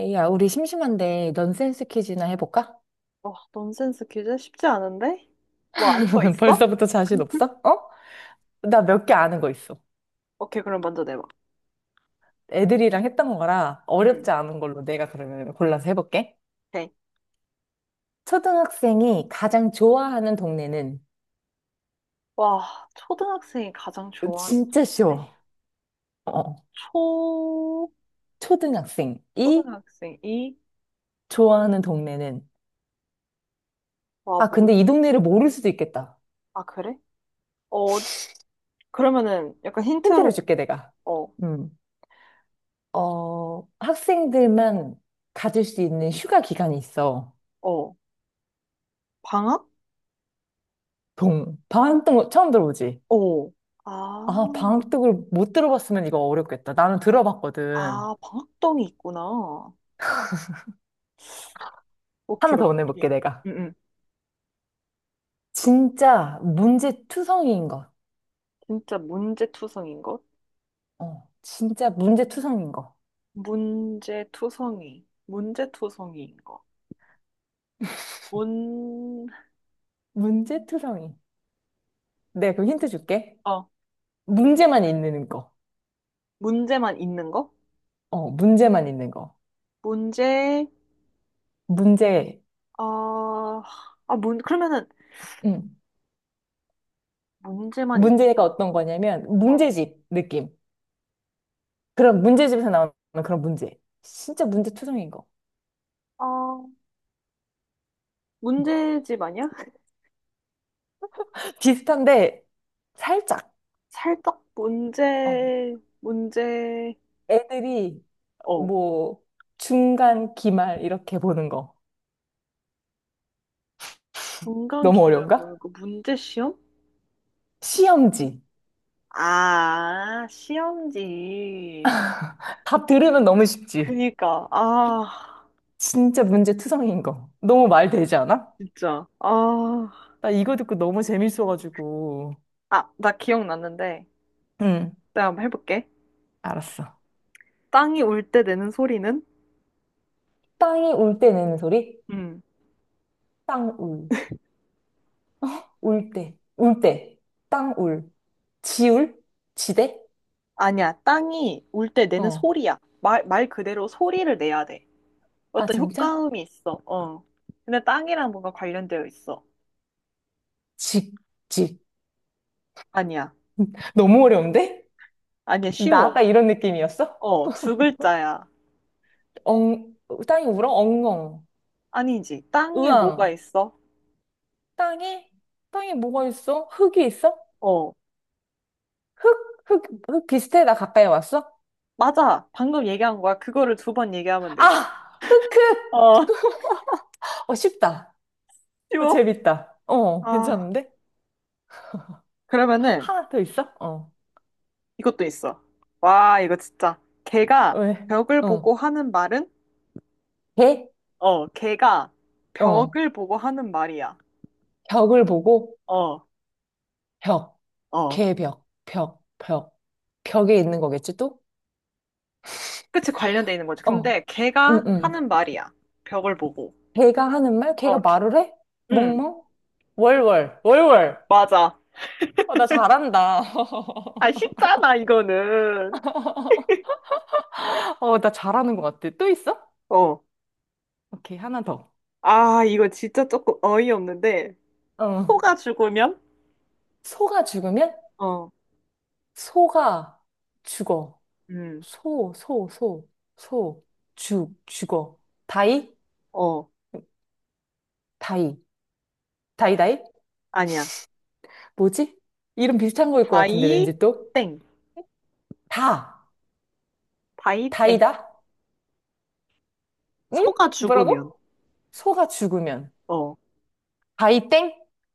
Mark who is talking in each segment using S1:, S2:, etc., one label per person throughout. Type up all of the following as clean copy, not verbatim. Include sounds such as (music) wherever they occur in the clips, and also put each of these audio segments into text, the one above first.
S1: 에이야, 우리 심심한데 넌센스 퀴즈나 해볼까?
S2: 와, 넌센스 퀴즈 쉽지 않은데? 뭐 아는 거
S1: (laughs)
S2: 있어?
S1: 벌써부터 자신
S2: (laughs)
S1: 없어? 어? 나 몇 개 아는 거 있어.
S2: 오케이, 그럼 먼저 내봐.
S1: 애들이랑 했던 거라
S2: 응.
S1: 어렵지 않은 걸로 내가 그러면 골라서 해볼게.
S2: 오케이.
S1: 초등학생이 가장 좋아하는 동네는
S2: 와, 초등학생이 가장 좋아하는
S1: 진짜
S2: 노래?
S1: 쉬워. 어,
S2: 초,
S1: 초등학생이
S2: 초등학생이,
S1: 좋아하는 동네는,
S2: 와,
S1: 아,
S2: 뭐,
S1: 근데 이 동네를 모를 수도 있겠다.
S2: 아, 그래? 어, 그러면은 약간 힌트로,
S1: 힌트를 줄게, 내가.
S2: 어,
S1: 음. 어, 학생들만 가질 수 있는 휴가 기간이 있어.
S2: 어, 방학?
S1: 동. 반동 처음 들어보지?
S2: 어, 아,
S1: 아, 방학독을 못 들어봤으면 이거 어렵겠다. 나는 들어봤거든.
S2: 아, 방학동이 있구나.
S1: 하나
S2: 오케이,
S1: 더 보내볼게,
S2: 오케이.
S1: 내가.
S2: 응, 응.
S1: 진짜 문제투성이인 것.
S2: 진짜 문제투성인 것?
S1: 어, 진짜 문제투성이인 거.
S2: 문제투성이, 문제투성이인 것. 문,
S1: 문제투성이. 네, 그럼 힌트 줄게.
S2: 어,
S1: 문제만 있는 거.
S2: 문제만 있는 거?
S1: 어, 문제만 있는 거.
S2: 문제,
S1: 문제,
S2: 어, 아, 문, 그러면은
S1: 음
S2: 문제만
S1: 문제가
S2: 있다.
S1: 어떤 거냐면,
S2: 어,
S1: 문제집 느낌. 그런 문제집에서 나오는 그런 문제. 진짜 문제투성이인 거.
S2: 어, 문제집 아니야?
S1: (laughs) 비슷한데, 살짝.
S2: 살떡
S1: 어.
S2: 문제, 문제,
S1: 애들이
S2: 어,
S1: 뭐 중간 기말 이렇게 보는 거,
S2: 중간
S1: 너무
S2: 기회를
S1: 어려운가?
S2: 보는 거, 문제 시험?
S1: 시험지.
S2: 아, 시험지.
S1: 답 들으면 너무 쉽지.
S2: 그니까, 아,
S1: 진짜 문제 투성이인 거. 너무 말 되지 않아?
S2: 진짜, 아,
S1: 나 이거 듣고 너무 재밌어가지고.
S2: 아, 나 기억났는데,
S1: 응,
S2: 내가 한번 해볼게.
S1: 알았어.
S2: 땅이 울 때 내는 소리는?
S1: 땅이 울 때 내는 소리?
S2: 음.
S1: 땅 울. 울 때. 울 때. 땅 울. 지울? 지대?
S2: 아니야. 땅이 울 때 내는
S1: 어.
S2: 소리야. 말 그대로 소리를 내야 돼.
S1: 아,
S2: 어떤
S1: 진짜?
S2: 효과음이 있어. 어. 근데 땅이랑 뭔가 관련되어 있어.
S1: 직, 직.
S2: 아니야.
S1: 너무 어려운데?
S2: 아니야.
S1: 나
S2: 쉬워.
S1: 아까 이런 느낌이었어?
S2: 어, 두 글자야.
S1: 엉, 땅이 울어? 엉엉.
S2: 아니지. 땅에 뭐가
S1: 의왕.
S2: 있어?
S1: 땅이? 땅이 뭐가 있어? 흙이 있어?
S2: 어.
S1: 흙? 흙, 흙 비슷해? 나 가까이 왔어?
S2: 맞아. 방금 얘기한 거야. 그거를 두 번 얘기하면 돼.
S1: 아! 흙,
S2: 어,
S1: 흙!
S2: (laughs)
S1: (laughs) 어, 쉽다. 어,
S2: 쉬워.
S1: 재밌다. 어,
S2: 아,
S1: 괜찮은데?
S2: 그러면은
S1: 하나 더 있어? 어.
S2: 이것도 있어. 와, 이거 진짜. 개가
S1: 왜?
S2: 벽을 보고
S1: 어.
S2: 하는 말은?
S1: 개?
S2: 어, 개가
S1: 어.
S2: 벽을 보고 하는 말이야.
S1: 벽을 보고,
S2: 어,
S1: 벽.
S2: 어.
S1: 개벽. 벽. 벽. 벽에 있는 거겠지, 또?
S2: 그치, 관련돼 있는 거지. 근데
S1: 어.
S2: 걔가
S1: 응, 응.
S2: 하는 말이야. 벽을 보고.
S1: 개가 하는 말?
S2: 어,
S1: 개가 말을 해?
S2: 이 응,
S1: 멍멍? 월월. 월월.
S2: 맞아.
S1: 어, 나 잘한다.
S2: 아,
S1: (laughs)
S2: 쉽잖아, 이거는.
S1: 어, 나 잘하는 것 같아. 또 있어?
S2: 어.
S1: 오케이, 하나 더.
S2: 아, 이거 진짜 조금 어이없는데.
S1: 어.
S2: 소가 죽으면?
S1: 소가 죽으면,
S2: 어,
S1: 소가 죽어.
S2: 음,
S1: 소, 소, 소, 소. 죽어. 다이,
S2: 어.
S1: 다이, 다이?
S2: 아니야.
S1: 뭐지? 이름 비슷한 거일 것 같은데,
S2: 다이,
S1: 왠지 또?
S2: 땡.
S1: 다,
S2: 다이 땡.
S1: 다이다? 응?
S2: 소가
S1: 뭐라고?
S2: 죽으면.
S1: 소가 죽으면.
S2: 어.
S1: 다이 땡?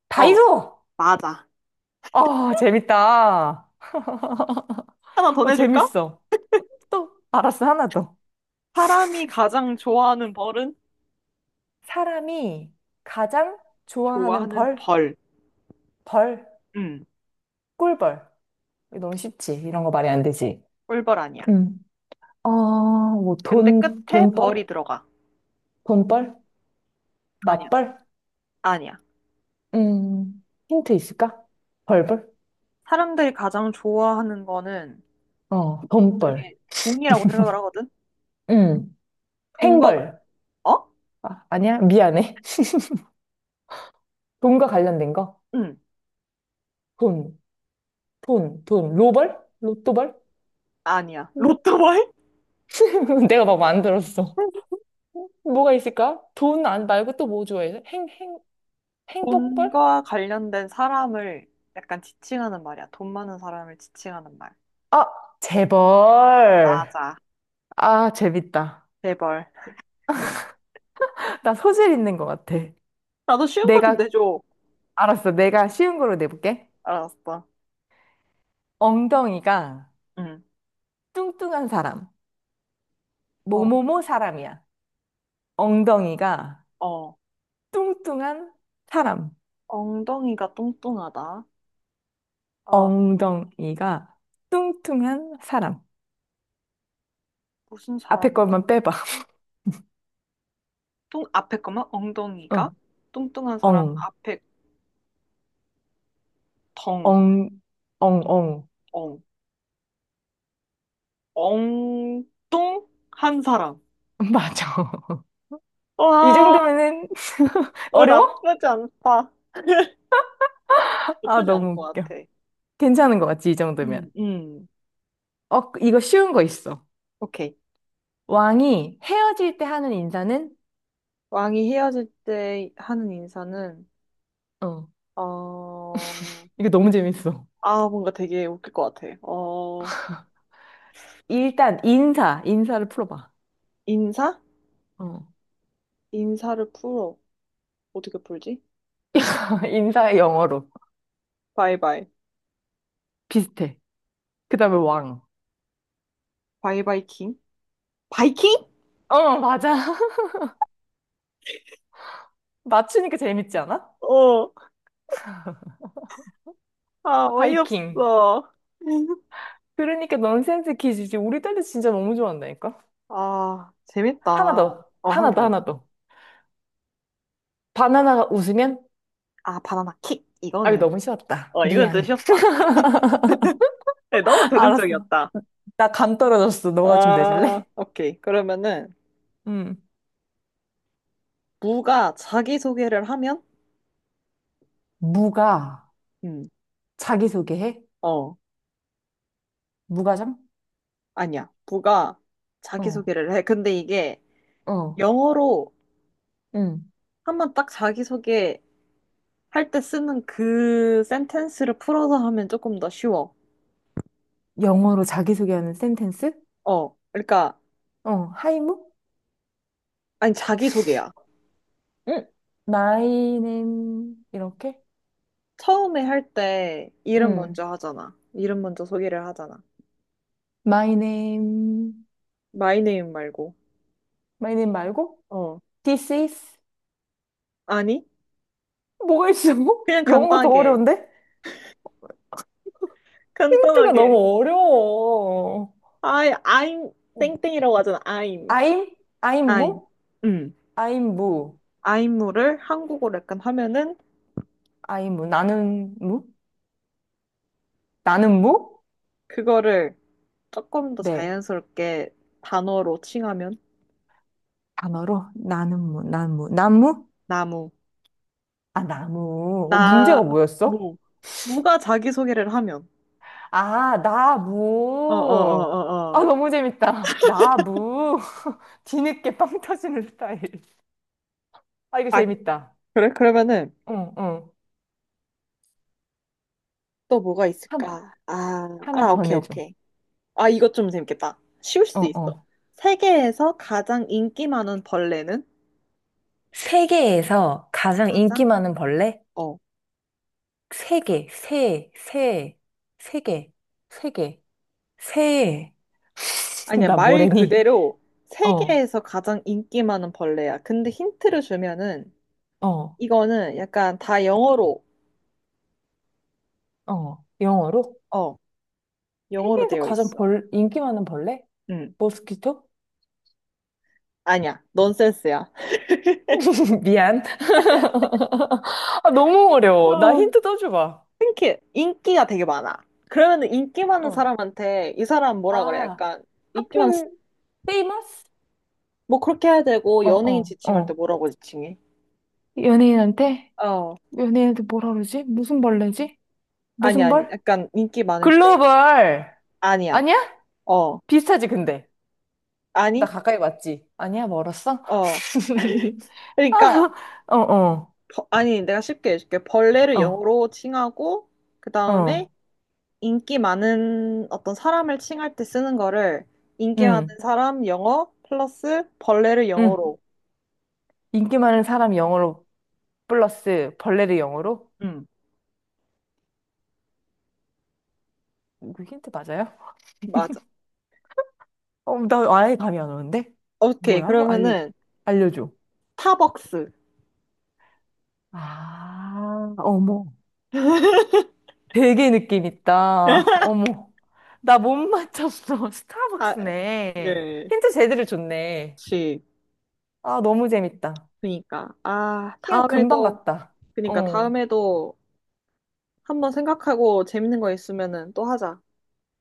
S1: 다이
S2: 어.
S1: 소
S2: 맞아.
S1: 아, 재밌다.
S2: 하나 더
S1: 어,
S2: 내줄까?
S1: 재밌어. 또, 알았어, 하나 더.
S2: 사람이 가장 좋아하는 벌은?
S1: 사람이 가장 좋아하는
S2: 좋아하는,
S1: 벌,
S2: 벌.
S1: 벌.
S2: 음.
S1: 꿀벌. 너무 쉽지. 이런 거 말이 안 되지.
S2: 꿀벌 아니야.
S1: 음. 어, 뭐,
S2: 근데
S1: 돈,
S2: 끝에
S1: 돈벌?
S2: 벌이 들어가.
S1: 돈벌?
S2: 아니야.
S1: 맞벌?
S2: 아니야.
S1: 힌트 있을까? 벌벌?
S2: 사람들이 가장 좋아하는 거는
S1: 어, 돈벌.
S2: 그중에 돈이라고 생각을 하거든?
S1: 음,
S2: 돈과,
S1: 행벌.
S2: 어?
S1: 아, 아니야? 미안해. (laughs) 돈과 관련된 거?
S2: 응,
S1: 돈, 돈. 로벌? 로또벌?
S2: 아니야.
S1: 뭐,
S2: 로또 말?
S1: (laughs) 내가 막 만들었어.
S2: (laughs)
S1: 뭐가 있을까? 돈 안 말고 또 뭐 좋아해? 행복벌?
S2: 돈과 관련된 사람을 약간 지칭하는 말이야. 돈 많은 사람을 지칭하는 말.
S1: 아, 재벌.
S2: 맞아.
S1: 아, 재밌다.
S2: 제벌
S1: 나 소질 있는 것 같아.
S2: 나도 쉬운 거 좀
S1: 내가,
S2: 내줘.
S1: 알았어. 내가 쉬운 걸로 내볼게.
S2: 알았어.
S1: 엉덩이가
S2: 응.
S1: 뚱뚱한 사람.
S2: 어,
S1: 뭐뭐뭐 사람이야. 엉덩이가
S2: 어.
S1: 뚱뚱한 사람.
S2: 엉덩이가 뚱뚱하다. 어,
S1: 엉덩이가 뚱뚱한 사람.
S2: 무슨
S1: 앞에
S2: 사람?
S1: 것만 빼봐. (laughs)
S2: 뚱, 앞에 거만 엉덩이가?
S1: 어.
S2: 뚱뚱한 사람
S1: 엉,
S2: 앞에 덩,
S1: 엉, 엉.
S2: 엉. 엉뚱한 사람.
S1: (laughs) 맞아. (laughs) 이
S2: 와,
S1: 정도면은 (laughs)
S2: 왜
S1: 어려워?
S2: 나쁘지 않다.
S1: 아,
S2: 나쁘지 않은
S1: 너무
S2: 것
S1: 웃겨.
S2: 같아.
S1: 괜찮은 것 같지, 이 정도면.
S2: 음, 음.
S1: 어, 이거 쉬운 거 있어.
S2: 오케이.
S1: 왕이 헤어질 때 하는 인사는?
S2: 왕이 헤어질 때 하는 인사는,
S1: 어.
S2: 어,
S1: 이거 너무 재밌어.
S2: 아, 뭔가 되게 웃길 것 같아. 어,
S1: 일단 인사를 풀어봐.
S2: 인사?
S1: 어.
S2: 인사를 풀어. 어떻게 풀지?
S1: (laughs) 인사의 영어로.
S2: 바이바이.
S1: 비슷해. 그다음에 왕.
S2: 바이바이 킹? 바이킹?
S1: 어, 맞아. (laughs) 맞추니까 재밌지 않아?
S2: 어, 아,
S1: 바이킹.
S2: 어이없어. (laughs)
S1: 그러니까 넌센스 퀴즈지. 우리 딸도 진짜 너무 좋아한다니까.
S2: 아, 재밌다.
S1: 하나 더.
S2: 어, 하나 더.
S1: 하나 더. 바나나가 웃으면?
S2: 아, 바나나 킥.
S1: 아, 이거
S2: 이거는.
S1: 너무 쉬웠다.
S2: 어, 이건 좀
S1: 미안.
S2: 쉬웠다. 네, 너무
S1: (laughs) 알았어.
S2: 대중적이었다.
S1: 나 감 떨어졌어. 너가 좀
S2: 아,
S1: 내줄래?
S2: 오케이. 그러면은
S1: 음.
S2: 무가 자기소개를 하면
S1: 무가
S2: 음.
S1: 자기소개해?
S2: 어,
S1: 무과장?
S2: 아니야. 무가
S1: 어,
S2: 자기소개를 해. 근데 이게
S1: 어,
S2: 영어로
S1: 응.
S2: 한번 딱 자기소개 할 때 쓰는 그 센텐스를 풀어서 하면 조금 더 쉬워.
S1: 영어로 자기소개하는 센텐스?
S2: 어. 그러니까
S1: 어, 하이무?
S2: 아니 자기소개야.
S1: 응, 마이 네임 이렇게?
S2: 처음에 할 때 이름
S1: 응.
S2: 먼저 하잖아. 이름 먼저 소개를 하잖아.
S1: 마이 네임
S2: 마이네임 말고.
S1: 마이 네임 말고?
S2: 어.
S1: This is.
S2: 아니?
S1: 뭐가 있어? (laughs)
S2: 그냥
S1: 영어가 더
S2: 간단하게.
S1: 어려운데? 힌트가
S2: 간단하게.
S1: 너무 어려워.
S2: I'm
S1: 어.
S2: 땡땡이라고 하잖아. I'm.
S1: I'm I'm
S2: 아임,
S1: 무?
S2: 음,
S1: I'm 무.
S2: 아임무를 한국어로 약간 하면은
S1: I'm 무. 나는 무? 나는 무?
S2: 그거를 조금 더
S1: 네.
S2: 자연스럽게 단어로 칭하면
S1: 단어로 나는 무. 나무. 나무?
S2: 나무,
S1: 아, 나무. 어, 문제가 뭐였어?
S2: 나무, 무가 자기소개를 하면
S1: 아,
S2: 어 어 어
S1: 나무. 아,
S2: 어어
S1: 너무 재밌다. 나무. (laughs) 뒤늦게 빵 터지는 스타일. 아, 이거
S2: 아
S1: 재밌다.
S2: 그래? 그러면은
S1: 응, 응.
S2: 또 뭐가
S1: 한,
S2: 있을까? 아,
S1: 하나
S2: 아
S1: 더
S2: 오케이
S1: 내줘.
S2: 오케이 아 이것 좀 재밌겠다 쉬울
S1: 어,
S2: 수도 있어
S1: 어.
S2: 세계에서 가장 인기 많은 벌레는
S1: 세계에서 가장
S2: 가장
S1: 인기 많은 벌레?
S2: 어
S1: 세계 세, 세, 세계 세 (laughs) 계 새.
S2: 아니야,
S1: 나
S2: 말
S1: 뭐래니?
S2: 그대로
S1: 어,
S2: 세계에서 가장 인기 많은 벌레야. 근데 힌트를 주면은
S1: 어,
S2: 이거는 약간 다 영어로,
S1: 어. 영어로?
S2: 어, 영어로
S1: 세계에서
S2: 되어
S1: 가장
S2: 있어.
S1: 벌, 인기 많은 벌레?
S2: 응.
S1: 모스키토?
S2: 아니야, 넌센스야.
S1: (laughs) 미안. 아, 너무 어려워. 나
S2: 어, 힌
S1: 힌트 또 줘봐.
S2: (laughs) 인기가 되게 많아. 그러면 인기 많은
S1: 어.
S2: 사람한테 이 사람 뭐라 그래?
S1: 아,
S2: 약간 인기 많은,
S1: 하필, famous?
S2: 뭐 그렇게 해야 되고
S1: 어,
S2: 연예인
S1: 어,
S2: 지칭할 때
S1: 어.
S2: 뭐라고 지칭해?
S1: 연예인한테?
S2: 어,
S1: 연예인한테 뭐라 그러지? 무슨 벌레지?
S2: 아니,
S1: 무슨
S2: 아니.
S1: 벌?
S2: 약간 인기 많을 때.
S1: 글로벌.
S2: 아니야.
S1: 아니야?
S2: 어,
S1: 비슷하지, 근데. 나
S2: 아니?
S1: 가까이 왔지? 아니야, 멀었어?
S2: 어.
S1: (laughs)
S2: 그러니까
S1: 어, 어,
S2: 아니, 내가 쉽게 해줄게. 벌레를
S1: 어,
S2: 영어로 칭하고, 그 다음에
S1: 어,
S2: 인기 많은 어떤 사람을 칭할 때 쓰는 거를 인기 많은
S1: 응,
S2: 사람 영어 플러스 벌레를
S1: 응.
S2: 영어로.
S1: 인기 많은 사람 영어로 플러스 벌레를 영어로?
S2: 응,
S1: 이거 힌트 맞아요?
S2: 맞아.
S1: (laughs) 어, 나 아예 감이 안 오는데?
S2: 오케이.
S1: 뭐야?
S2: 그러면은
S1: 알려줘.
S2: 타벅스.
S1: 아, 어머. 되게 느낌 있다. 어머. 나 못 맞췄어. (laughs)
S2: 아,
S1: 스타벅스네.
S2: 네.
S1: 힌트 제대로 줬네.
S2: 그치.
S1: 아, 너무 재밌다.
S2: 그니까. 아,
S1: 시간 금방
S2: 다음에도,
S1: 갔다.
S2: 그니까
S1: 어.
S2: 다음에도 한번 생각하고 재밌는 거 있으면은 또 하자.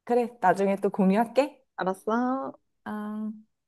S1: 그래, 나중에 또 공유할게.
S2: 알았어?
S1: 아.